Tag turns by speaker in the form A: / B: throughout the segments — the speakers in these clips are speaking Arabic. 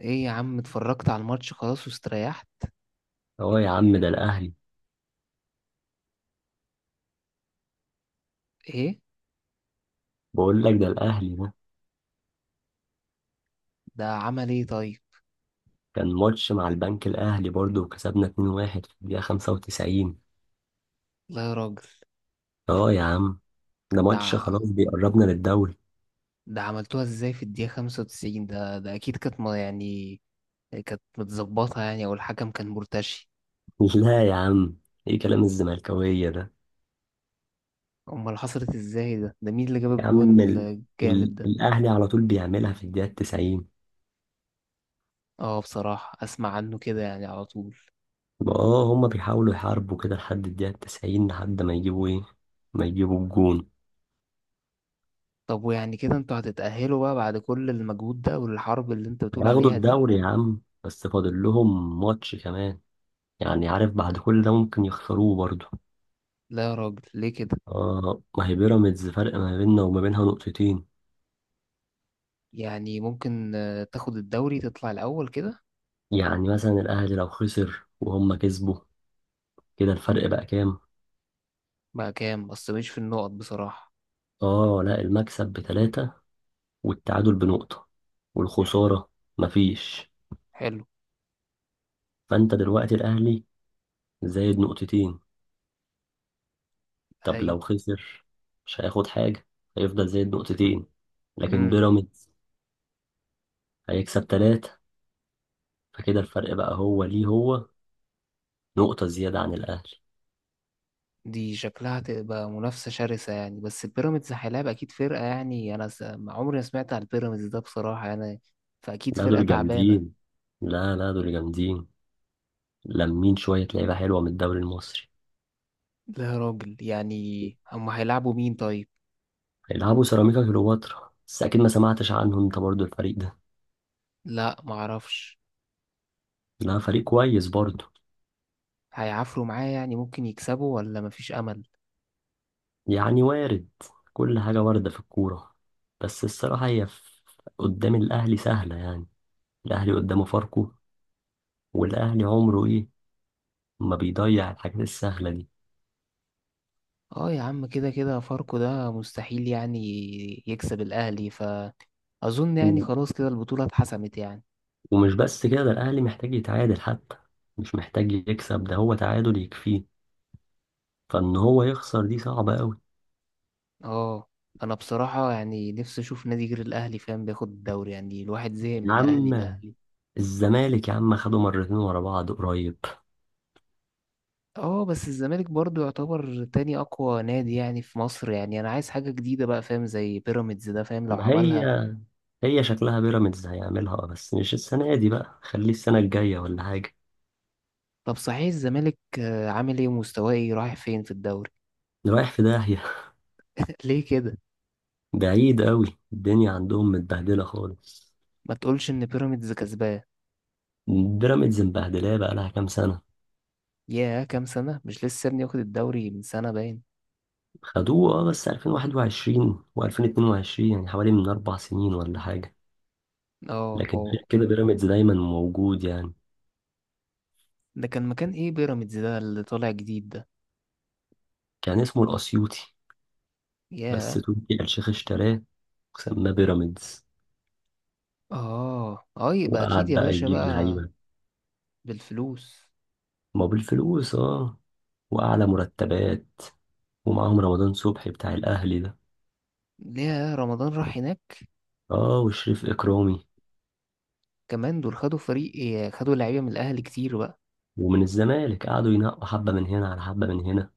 A: ايه يا عم، اتفرجت على الماتش خلاص واستريحت.
B: اه، يا عم ده الاهلي.
A: ايه؟
B: بقول لك ده الاهلي ده.
A: ده عمل ايه طيب؟
B: كان ماتش مع البنك الاهلي برضه، وكسبنا 2-1 في الدقيقه 95.
A: لا يا راجل.
B: اه، يا عم ده
A: ده
B: ماتش خلاص بيقربنا للدوري.
A: ده عملتوها ازاي في الدقيقة 95؟ ده اكيد كانت ما يعني، كانت متظبطة يعني، او الحكم كان مرتشي.
B: لا يا عم، ايه كلام الزملكاويه ده؟
A: امال حصلت ازاي؟ ده مين اللي جاب
B: يا عم
A: الجون الجامد ده؟
B: الاهلي على طول بيعملها في الدقيقه 90.
A: اه، بصراحة اسمع عنه كده يعني على طول.
B: اه، هما بيحاولوا يحاربوا كده لحد الدقيقه 90 لحد ما يجيبوا ايه، ما يجيبوا الجون.
A: طب ويعني كده انتوا هتتأهلوا بقى بعد كل المجهود ده والحرب اللي انت بتقول
B: هياخدوا
A: عليها دي؟
B: الدوري يا عم، بس فاضل لهم ماتش كمان. يعني عارف بعد كل ده ممكن يخسروه برضه.
A: لا يا راجل، ليه كده؟
B: اه، ما هي بيراميدز فرق ما بيننا وما بينها نقطتين.
A: يعني ممكن، تاخد الدوري تطلع الاول كده.
B: يعني مثلا الاهلي لو خسر وهم كسبوا، كده الفرق بقى كام؟
A: بقى كام؟ بس مش في النقط بصراحة.
B: اه لا، المكسب بتلاتة، والتعادل بنقطة، والخسارة مفيش.
A: حلو.
B: فانت دلوقتي الاهلي زايد نقطتين. طب
A: أيوة.
B: لو خسر مش هياخد حاجة، هيفضل زايد نقطتين. لكن
A: امم.
B: بيراميدز هيكسب تلاتة، فكده الفرق بقى هو ليه هو نقطة زيادة عن الاهلي.
A: دي شكلها تبقى منافسة شرسة يعني، بس بيراميدز هيلاعب أكيد فرقة يعني. أنا ما عمري ما سمعت عن البيراميدز ده بصراحة يعني. فأكيد
B: لا
A: فرقة
B: دول
A: تعبانة.
B: جامدين، لا لا دول جامدين، لمين شوية لعيبة حلوة من الدوري المصري.
A: لا يا راجل، يعني هما هيلعبوا مين طيب؟
B: هيلعبوا سيراميكا كليوباترا، بس أكيد ما سمعتش عنه أنت برضو الفريق ده.
A: لا، معرفش.
B: لا، فريق كويس برضو.
A: هيعافروا معاه؟ يعني ممكن يكسبوا ولا مفيش أمل؟
B: يعني وارد، كل حاجة واردة في الكورة. بس الصراحة هي قدام الأهلي سهلة يعني. الأهلي قدامه فاركو، والأهلي عمره إيه ما بيضيع الحاجات السهلة دي.
A: اه يا عم، كده كده فاركو ده مستحيل يعني يكسب الأهلي، فأظن يعني
B: و-
A: خلاص كده البطولة اتحسمت يعني.
B: ومش بس كده، ده الأهلي محتاج يتعادل حتى، مش محتاج يكسب، ده هو تعادل يكفيه. فإن هو يخسر دي صعبة أوي.
A: اه. انا بصراحة يعني نفسي اشوف نادي غير الاهلي، فاهم، بياخد الدوري. يعني الواحد زهق من
B: يا
A: الاهلي
B: عم
A: الاهلي.
B: الزمالك يا عم خدوا مرتين ورا بعض قريب.
A: اه، بس الزمالك برضو يعتبر تاني اقوى نادي يعني في مصر. يعني انا عايز حاجة جديدة بقى، فاهم، زي بيراميدز ده، فاهم، لو
B: ما هي
A: عملها.
B: هي شكلها بيراميدز هيعملها، بس مش السنة دي بقى، خليه السنة الجاية ولا حاجة.
A: طب صحيح الزمالك عامل ايه ومستواه ايه؟ رايح فين في الدوري؟
B: رايح في داهية.
A: ليه كده؟
B: بعيد قوي، الدنيا عندهم متبهدلة خالص.
A: ما تقولش ان بيراميدز كسبان.
B: بيراميدز مبهدلاه بقى لها كام سنة.
A: ياه، كام سنة؟ مش لسه ابني واخد الدوري من سنة باين.
B: خدوه، اه، بس 2021 و2022، يعني حوالي من 4 سنين ولا حاجة.
A: اه،
B: لكن
A: هو.
B: غير كده بيراميدز دايما موجود يعني.
A: ده كان مكان ايه بيراميدز ده اللي طالع جديد ده؟
B: كان اسمه الأسيوطي، بس
A: ياه.
B: تركي آل الشيخ اشتراه وسماه بيراميدز.
A: اه، اه، يبقى اكيد
B: وقعد
A: يا
B: بقى
A: باشا
B: يجيب
A: بقى.
B: لعيبة.
A: بالفلوس.
B: ما بالفلوس، اه. واعلى مرتبات. ومعاهم رمضان صبحي بتاع الاهلي ده.
A: ليه رمضان راح هناك؟
B: اه، وشريف اكرامي.
A: كمان دول خدوا فريق إيه، خدوا لعيبه من الاهلي كتير بقى.
B: ومن الزمالك قعدوا ينقوا حبه من هنا على حبه من هنا.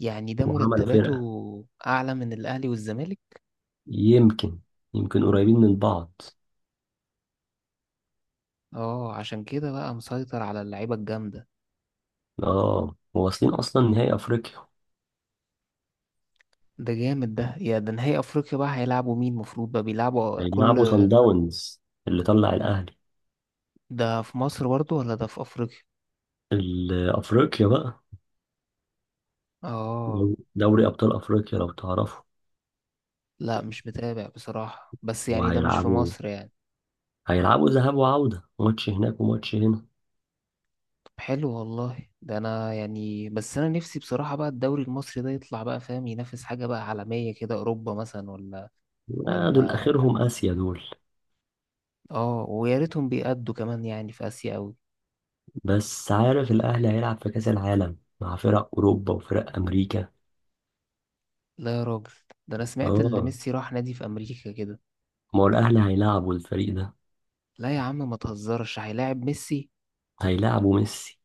A: يعني ده
B: وعملوا فرقه.
A: مرتباته اعلى من الاهلي والزمالك؟
B: يمكن يمكن قريبين من بعض.
A: اه، عشان كده بقى مسيطر على اللعيبه الجامده.
B: اه، وواصلين اصلا نهائي افريقيا.
A: ده جامد ده، يا ده نهائي افريقيا بقى، هيلعبوا مين مفروض بقى، بيلعبوا كل؟
B: هيلعبوا سان داونز اللي طلع الاهلي.
A: ده في مصر برضو ولا ده في افريقيا؟
B: افريقيا بقى.
A: اه.
B: دوري ابطال افريقيا لو تعرفوا.
A: لا، مش متابع بصراحه، بس يعني ده مش في
B: وهيلعبوا
A: مصر يعني؟
B: هيلعبوا ذهاب وعوده، ماتش هناك وماتش هنا.
A: حلو والله. ده انا يعني، بس انا نفسي بصراحة بقى الدوري المصري ده يطلع بقى، فاهم، ينافس حاجة بقى عالمية كده، اوروبا مثلا ولا؟
B: لا، دول
A: ولا؟
B: اخرهم اسيا دول.
A: اه، ويا ريتهم بيأدوا كمان يعني في اسيا اوي.
B: بس عارف الأهلي هيلعب في كأس العالم مع فرق أوروبا وفرق أمريكا.
A: لا يا راجل. ده انا سمعت اللي
B: آه.
A: ميسي راح نادي في امريكا كده.
B: ما هو الأهلي هيلعبوا الفريق ده.
A: لا يا عم، ما تهزرش، هيلاعب ميسي؟
B: هيلعبوا ميسي.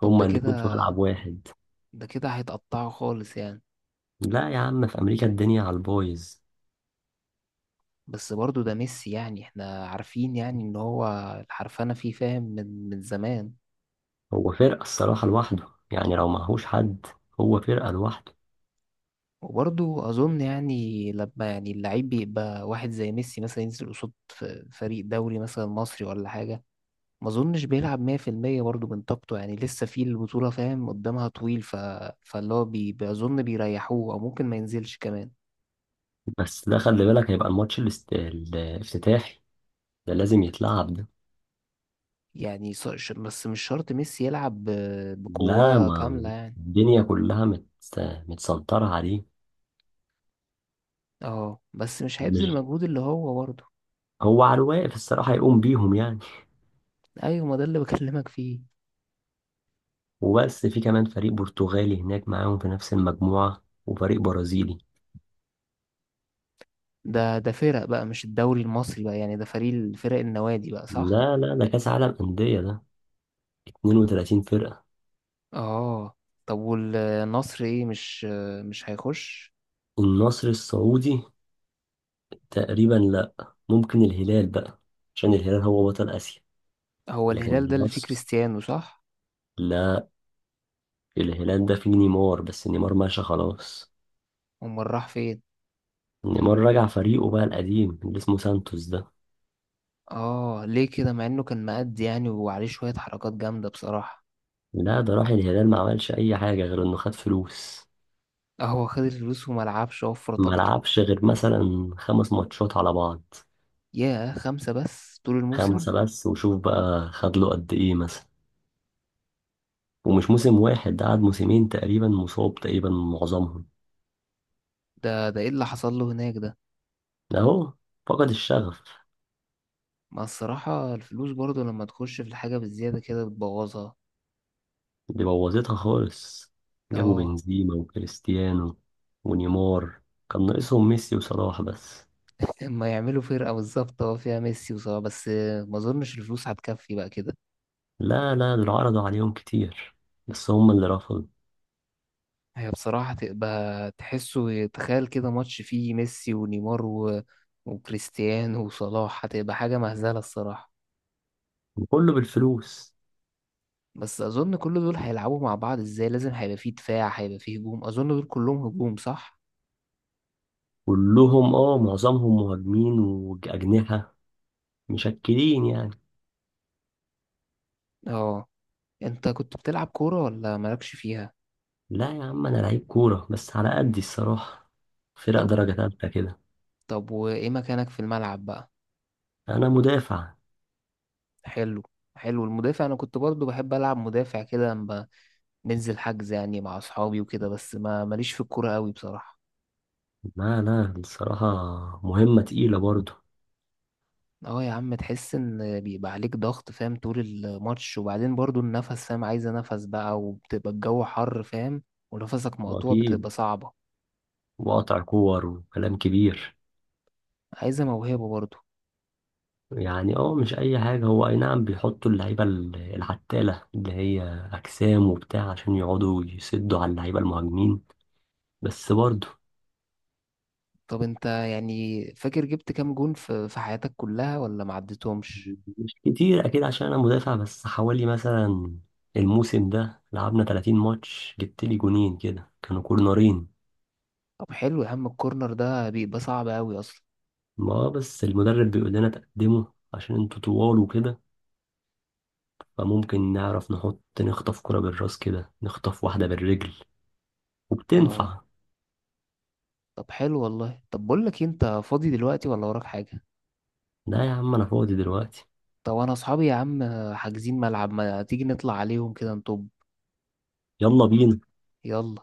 A: طب ده
B: هما
A: كده؟
B: الاتنين في ملعب واحد.
A: ده كده هيتقطعه خالص يعني.
B: لا يا عم، في أمريكا الدنيا على البايظ.
A: بس برضه ده ميسي يعني، احنا عارفين يعني ان هو الحرفنة فيه، فاهم، من زمان.
B: هو فرقة الصراحة لوحده يعني لو معهوش حد. هو فرقة لوحده.
A: وبرضه أظن يعني لما يعني اللعيب بيبقى واحد زي ميسي مثلا ينزل قصاد فريق دوري مثلا مصري ولا حاجة. ما أظنش بيلعب 100% برضه من طاقته، يعني لسه في البطولة، فاهم، قدامها طويل فاللي هو بأظن بيريحوه أو ممكن ما ينزلش كمان.
B: بس ده خلي بالك هيبقى الماتش الافتتاحي ده، لازم يتلعب ده.
A: يعني بس مش شرط ميسي يلعب
B: لا،
A: بقوة
B: ما
A: كاملة يعني.
B: الدنيا كلها متسنطرة عليه.
A: اه، بس مش هيبذل
B: مش.
A: المجهود اللي هو برضه.
B: هو على الواقف الصراحة هيقوم بيهم يعني.
A: أيوة، ما ده اللي بكلمك فيه.
B: وبس في كمان فريق برتغالي هناك معاهم في نفس المجموعة وفريق برازيلي.
A: ده فرق بقى، مش الدوري المصري بقى، يعني ده فريق فرق النوادي بقى، صح؟
B: لا لا، ده كأس عالم أندية ده، 32 فرقة.
A: اه. طب والنصر ايه، مش هيخش؟
B: النصر السعودي تقريبا لا. ممكن الهلال بقى، عشان الهلال هو بطل آسيا.
A: هو
B: لكن
A: الهلال ده اللي فيه
B: النصر
A: كريستيانو، صح؟
B: لا. الهلال ده فيه نيمار، بس نيمار ماشي خلاص.
A: امال راح فين؟
B: نيمار رجع فريقه بقى القديم اللي اسمه سانتوس ده.
A: اه، ليه كده مع انه كان مقد يعني، وعليه شوية حركات جامدة بصراحة.
B: لا، ده راح الهلال ما عملش أي حاجة غير إنه خد فلوس.
A: اه، هو خد الفلوس وملعبش، وفر
B: ما
A: طاقته.
B: لعبش غير مثلا 5 ماتشات على بعض.
A: ياه، خمسة بس طول الموسم؟
B: خمسة بس، وشوف بقى خد له قد إيه مثلا. ومش موسم واحد، ده قعد موسمين تقريبا، مصاب تقريبا معظمهم.
A: ده ايه اللي حصل له هناك ده؟
B: أهو، فقد الشغف.
A: ما الصراحة الفلوس برضه لما تخش في الحاجة بالزيادة كده بتبوظها.
B: دي بوظتها خالص. جابوا
A: اه.
B: بنزيما وكريستيانو ونيمار. كان ناقصهم ميسي وصلاح بس.
A: اما يعملوا فرقة بالظبط، فيها ميسي وصلاح بس. ما اظنش الفلوس هتكفي بقى كده.
B: لا لا، دول عرضوا عليهم كتير، بس هم اللي رفضوا.
A: هي بصراحة تبقى تحسه، تخيل كده ماتش فيه ميسي ونيمار وكريستيانو وصلاح، هتبقى حاجة مهزلة الصراحة.
B: وكله بالفلوس.
A: بس أظن كل دول هيلعبوا مع بعض ازاي؟ لازم هيبقى فيه دفاع، هيبقى فيه هجوم، أظن دول كلهم هجوم، صح؟
B: كلهم، معظمهم مهاجمين وأجنحة، مشكلين يعني.
A: اه. انت كنت بتلعب كورة ولا مالكش فيها؟
B: لا يا عم، انا لعيب كورة بس على قدي الصراحة. فرق
A: طب
B: درجة تالتة كده.
A: طب وإيه مكانك في الملعب بقى؟
B: انا مدافع.
A: حلو. حلو، المدافع أنا كنت برضو بحب ألعب مدافع كده لما بنزل حجز يعني مع أصحابي وكده، بس ما ماليش في الكورة قوي بصراحة.
B: لا لا، الصراحة مهمة تقيلة برضو.
A: اه يا عم، تحس ان بيبقى عليك ضغط، فاهم، طول الماتش. وبعدين برضو النفس، فاهم، عايزة نفس بقى، وبتبقى الجو حر، فاهم. ونفسك مقطوع،
B: واكيد.
A: بتبقى صعبة.
B: وقطع كور وكلام كبير.
A: عايزة موهبة برضو.
B: يعني، مش اي حاجة. هو اي نعم، بيحطوا اللعيبة العتالة اللي هي اجسام وبتاع، عشان يقعدوا يسدوا على اللعيبة المهاجمين، بس برضو.
A: طب انت يعني فاكر جبت كام جون في حياتك كلها، ولا ما عدتهمش؟
B: مش كتير اكيد عشان انا مدافع، بس حوالي مثلا الموسم ده لعبنا 30 ماتش جبت لي جونين كده كانوا كورنرين.
A: طب حلو يا عم، الكورنر ده بيبقى صعب قوي اصلا.
B: ما بس المدرب بيقول لنا تقدموا عشان انتوا طوال وكده، فممكن نعرف نحط نخطف كرة بالراس كده، نخطف واحدة بالرجل
A: اه.
B: وبتنفع.
A: طب حلو والله. طب بقول لك إيه، انت فاضي دلوقتي ولا وراك حاجة؟
B: لا يا عم، انا فاضي دلوقتي.
A: طب انا اصحابي يا عم، حاجزين ملعب، ما تيجي نطلع عليهم كده نطب؟
B: يلا بينا.
A: يلا.